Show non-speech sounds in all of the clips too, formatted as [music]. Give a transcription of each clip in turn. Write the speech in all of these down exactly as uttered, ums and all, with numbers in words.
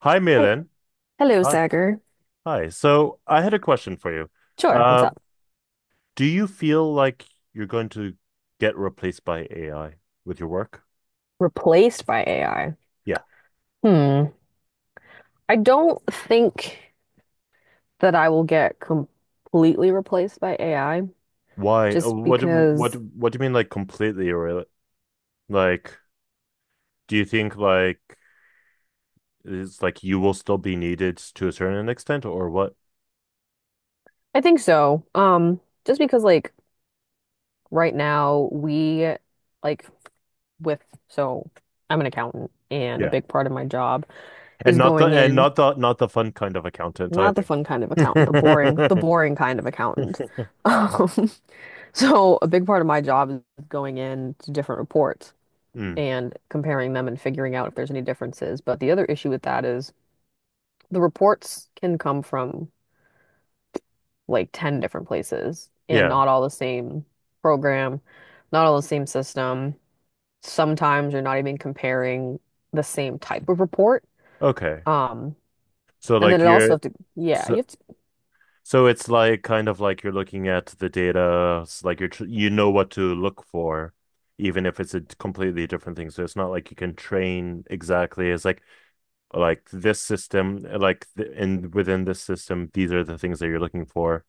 Hi, Hel- Malin. Hello, Hi. Sagar. Hi. So I had a question for you. Sure, what's Uh, up? do you feel like you're going to get replaced by A I with your work? Replaced by A I. Yeah. Hmm. I don't think that I will get completely replaced by A I Why? Uh, just What? What? because What do you mean, like completely, or like, do you think like it's like you will still be needed to a certain extent, or what? I think so. Um, just because like right now we like with so I'm an accountant, and a Yeah. big part of my job And is not the going and in not the not the fun kind of accountant not the either. fun kind of accountant, the boring, the [laughs] boring kind of accountant. [laughs] Um, so a big part of my job is going in to different reports, Mm, and comparing them and figuring out if there's any differences. But the other issue with that is the reports can come from like ten different places and yeah. not all the same program, not all the same system. Sometimes you're not even comparing the same type of report. Okay. Um, So and then like it also you're have to, yeah, you so have to, So it's like kind of like you're looking at the data, it's like you're tr you know what to look for, even if it's a d- completely different thing. So it's not like you can train exactly. It's like like this system, eh, like th in within this system, these are the things that you're looking for,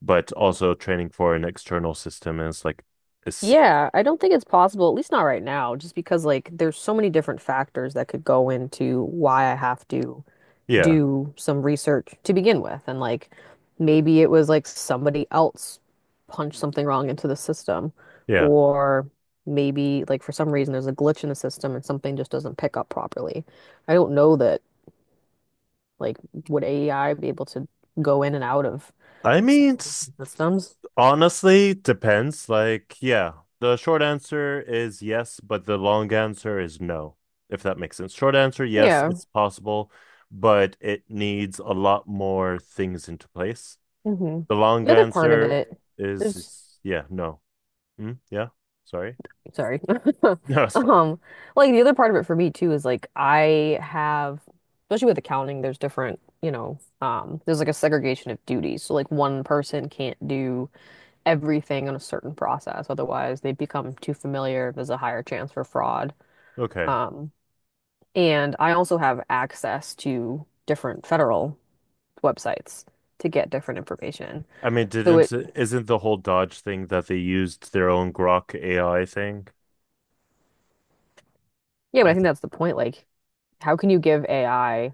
but also training for an external system. And it's like it's yeah, I don't think it's possible, at least not right now, just because like there's so many different factors that could go into why I have to yeah, do some research to begin with. And like maybe it was like somebody else punched something wrong into the system, yeah. or maybe like for some reason there's a glitch in the system and something just doesn't pick up properly. I don't know that, like, would A I be able to go in and out of I mean, several it's different systems? honestly, depends. Like, yeah, the short answer is yes, but the long answer is no, if that makes sense. Short answer, yes, Yeah. it's possible, but it needs a lot more things into place. Hmm. The long The other part of answer it, is there's is- yeah, no. Mm, yeah, sorry. [laughs] Sorry. [laughs] No, it's fine. Um, like the other part of it for me too is like I have, especially with accounting, there's different, you know, um, there's like a segregation of duties. So like one person can't do everything on a certain process, otherwise they become too familiar. There's a higher chance for fraud. Okay. Um, and I also have access to different federal websites to get different information. I mean, So didn't it, isn't the whole Dodge thing that they used their own Grok A I thing? yeah, but I I, think that's the point. Like, how can you give A I?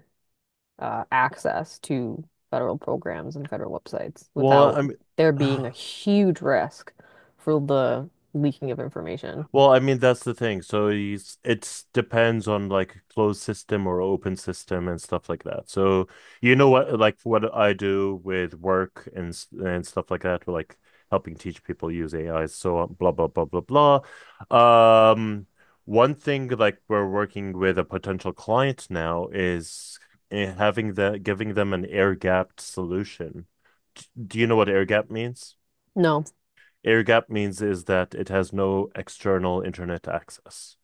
uh, access to federal programs and federal websites well, without I mean, there being a [sighs] huge risk for the leaking of information. well, I mean, that's the thing. So it's it's depends on like closed system or open system and stuff like that. So you know what, like what I do with work and s- and stuff like that, like helping teach people use A I. So on, blah blah blah blah blah. Um, One thing like we're working with a potential client now is eh, having the giving them an air gapped solution. D- Do you know what air gap means? No. Air gap means is that it has no external internet access.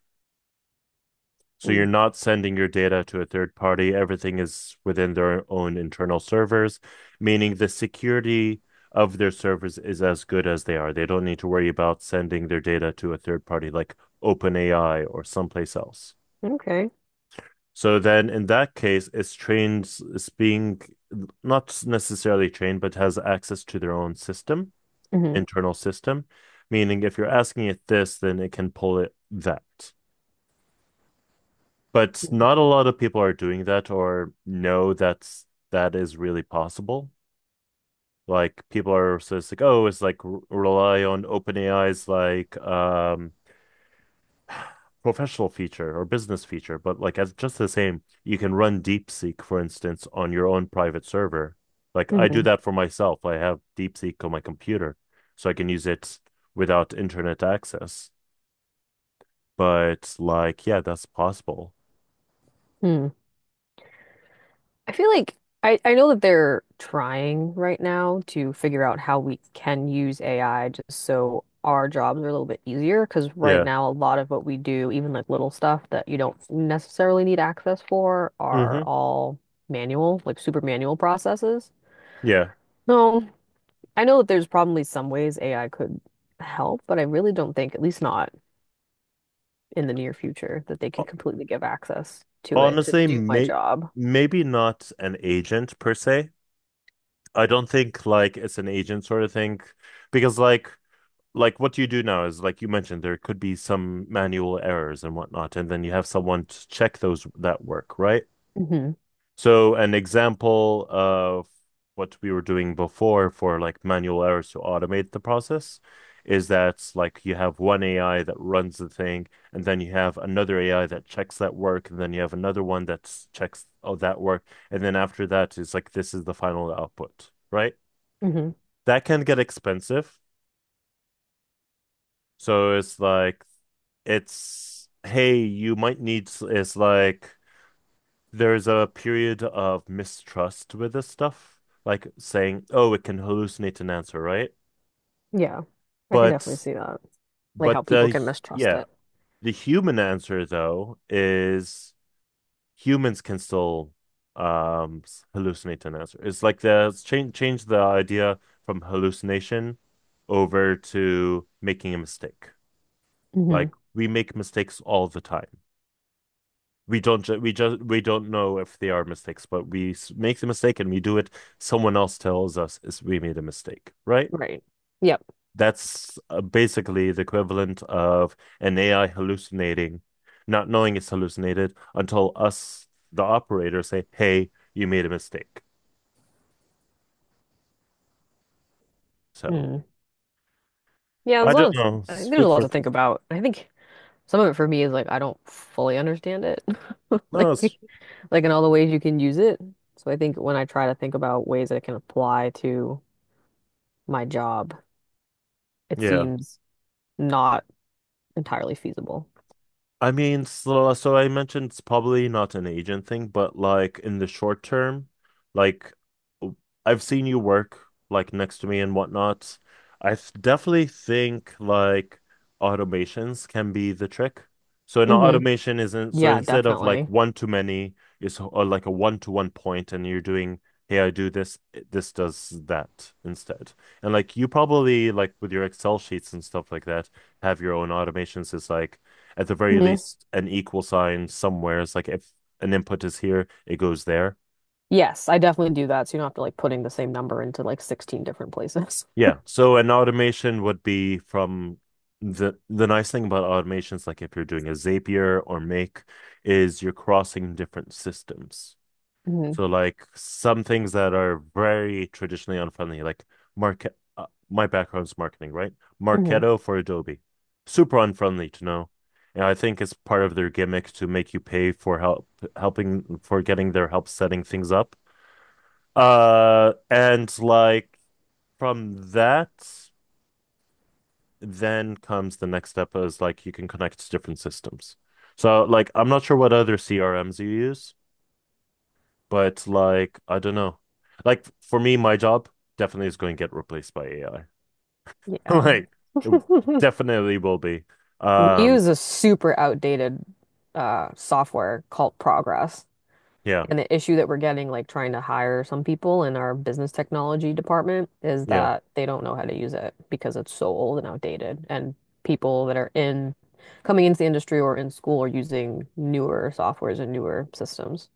So you're Mm. not sending your data to a third party. Everything is within their own internal servers, meaning the security of their servers is as good as they are. They don't need to worry about sending their data to a third party like OpenAI or someplace else. Okay. So then in that case, it's trained, it's being not necessarily trained, but has access to their own system. Hmm. Internal system, meaning if you're asking it this, then it can pull it that. But not a lot of people are doing that or know that's that is really possible. Like people are so it's like, oh, it's like rely on OpenAI's like um [sighs] professional feature or business feature, but like as just the same, you can run DeepSeek, for instance, on your own private server. Like I do Hmm. that for myself. I have DeepSeek on my computer, so I can use it without internet access. But like, yeah, that's possible. Hmm. I feel like I, I know that they're trying right now to figure out how we can use A I just so our jobs are a little bit easier. Because right Yeah. now, a lot of what we do, even like little stuff that you don't necessarily need access for, are Hmm. all manual, like super manual processes. Yeah. No, I know that there's probably some ways A I could help, but I really don't think, at least not in the near future, that they could O- completely give access to it to Honestly, do my may job. maybe not an agent per se. I don't think like it's an agent sort of thing because like like what you do now is like you mentioned there could be some manual errors and whatnot, and then you have someone to check those that work, right? Hmm. So an example of what we were doing before for like manual errors to automate the process is that like you have one A I that runs the thing, and then you have another A I that checks that work, and then you have another one that checks oh, that work, and then after that, it's like this is the final output, right? Hmm. That can get expensive. So it's like it's hey, you might need it's like there's a period of mistrust with this stuff, like saying, "Oh, it can hallucinate an answer, right?" Yeah, I can definitely But see that. Like how but people the can mistrust yeah, it. the human answer though is humans can still um hallucinate an answer. It's like the change change the idea from hallucination over to making a mistake. Like Hmm. we make mistakes all the time. We don't ju- we just we don't know if they are mistakes, but we s- make the mistake and we do it. Someone else tells us is we made a mistake, right? Right. Yep. That's uh, basically the equivalent of an A I hallucinating, not knowing it's hallucinated until us, the operator, say, "Hey, you made a mistake." So Mm. Yeah, I there's a lot don't of know. I It's think there's a food lot for to think about. I think some of it for me is like I don't fully understand it. [laughs] no, it's, Like like in all the ways you can use it. So I think when I try to think about ways I can apply to my job, it yeah. seems not entirely feasible. I mean, so, so I mentioned it's probably not an agent thing, but like in the short term, like w- I've seen you work like next to me and whatnot. I th- definitely think like automations can be the trick. So an Hmm. automation isn't, so Yeah, instead of like definitely. one to many, it's or like a one to one point and you're doing, hey, I do this, this does that instead. And like you probably like with your Excel sheets and stuff like that, have your own automations. It's like, at the very Hmm. least an equal sign somewhere. It's like if an input is here, it goes there. Yes, I definitely do that. So you don't have to like putting the same number into like sixteen different places. Yeah. So an automation would be from the the nice thing about automations, like if you're doing a Zapier or Make, is you're crossing different systems. Hmm. So like some things that are very traditionally unfriendly, like market. Uh, my background's marketing, right? Hmm. Marketo for Adobe, super unfriendly to know, and I think it's part of their gimmick to make you pay for help, helping for getting their help setting things up. Uh, and like from that, then comes the next step is like you can connect to different systems. So like I'm not sure what other C R Ms you use. But like, I don't know. Like for me, my job definitely is going to get replaced by A I. [laughs] Yeah. Like it [laughs] definitely will be. We Um, use a super outdated uh, software called Progress. yeah, And the issue that we're getting, like trying to hire some people in our business technology department, is yeah. that they don't know how to use it because it's so old and outdated. And people that are in coming into the industry or in school are using newer softwares and newer systems.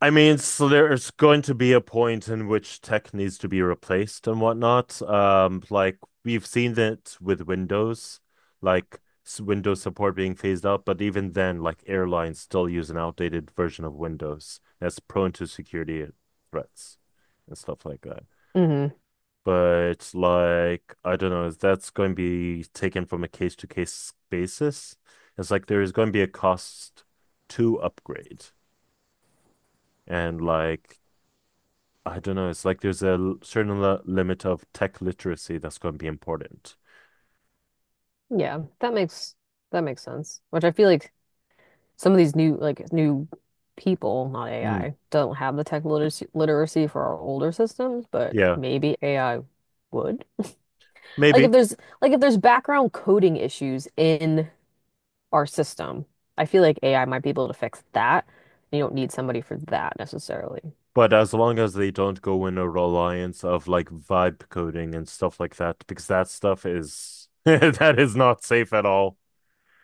I mean, so there's going to be a point in which tech needs to be replaced and whatnot. Um, like we've seen it with Windows, like s- Windows support being phased out, but even then, like airlines still use an outdated version of Windows that's prone to security threats and stuff like that. Hmm. But like, I don't know, that's going to be taken from a case to case basis. It's like there is going to be a cost to upgrade. And like, I don't know, it's like there's a l- certain li- limit of tech literacy that's going to be important. Yeah, that makes that makes sense. Which I feel like some of these new like new people, not Mm, A I, don't have the tech literacy, literacy for our older systems, but yeah, maybe A I would. Like if maybe. there's like if there's background coding issues in our system, I feel like A I might be able to fix that. You don't need somebody for that necessarily. But as long as they don't go in a reliance of like vibe coding and stuff like that, because that stuff is [laughs] that is not safe at all.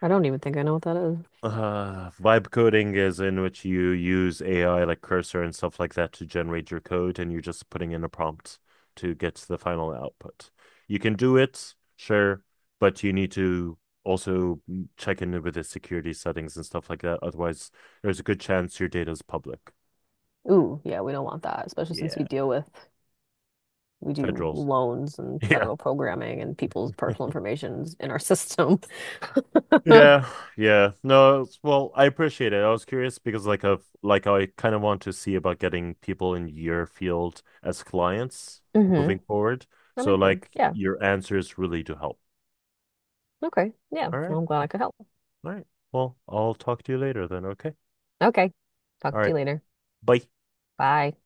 I don't even think I know what that is. Uh, vibe coding is in which you use A I like cursor and stuff like that to generate your code, and you're just putting in a prompt to get the final output. You can do it, sure, but you need to also check in with the security settings and stuff like that. Otherwise, there's a good chance your data is public. Ooh, yeah, we don't want that, especially since we Yeah, deal with we do federals. loans and federal [laughs] programming and people's Yeah. personal information in our system. [laughs] Hmm. Yeah, yeah. No, it's- well, I appreciate it. I was curious because like of like I kind of want to see about getting people in your field as clients That moving forward. So makes sense. like Yeah. your answers really do help. Okay. Yeah. All Well, right. I'm glad I could help. All right. Well, I'll talk to you later then, okay? Okay. All Talk to right. you later. Bye. Bye.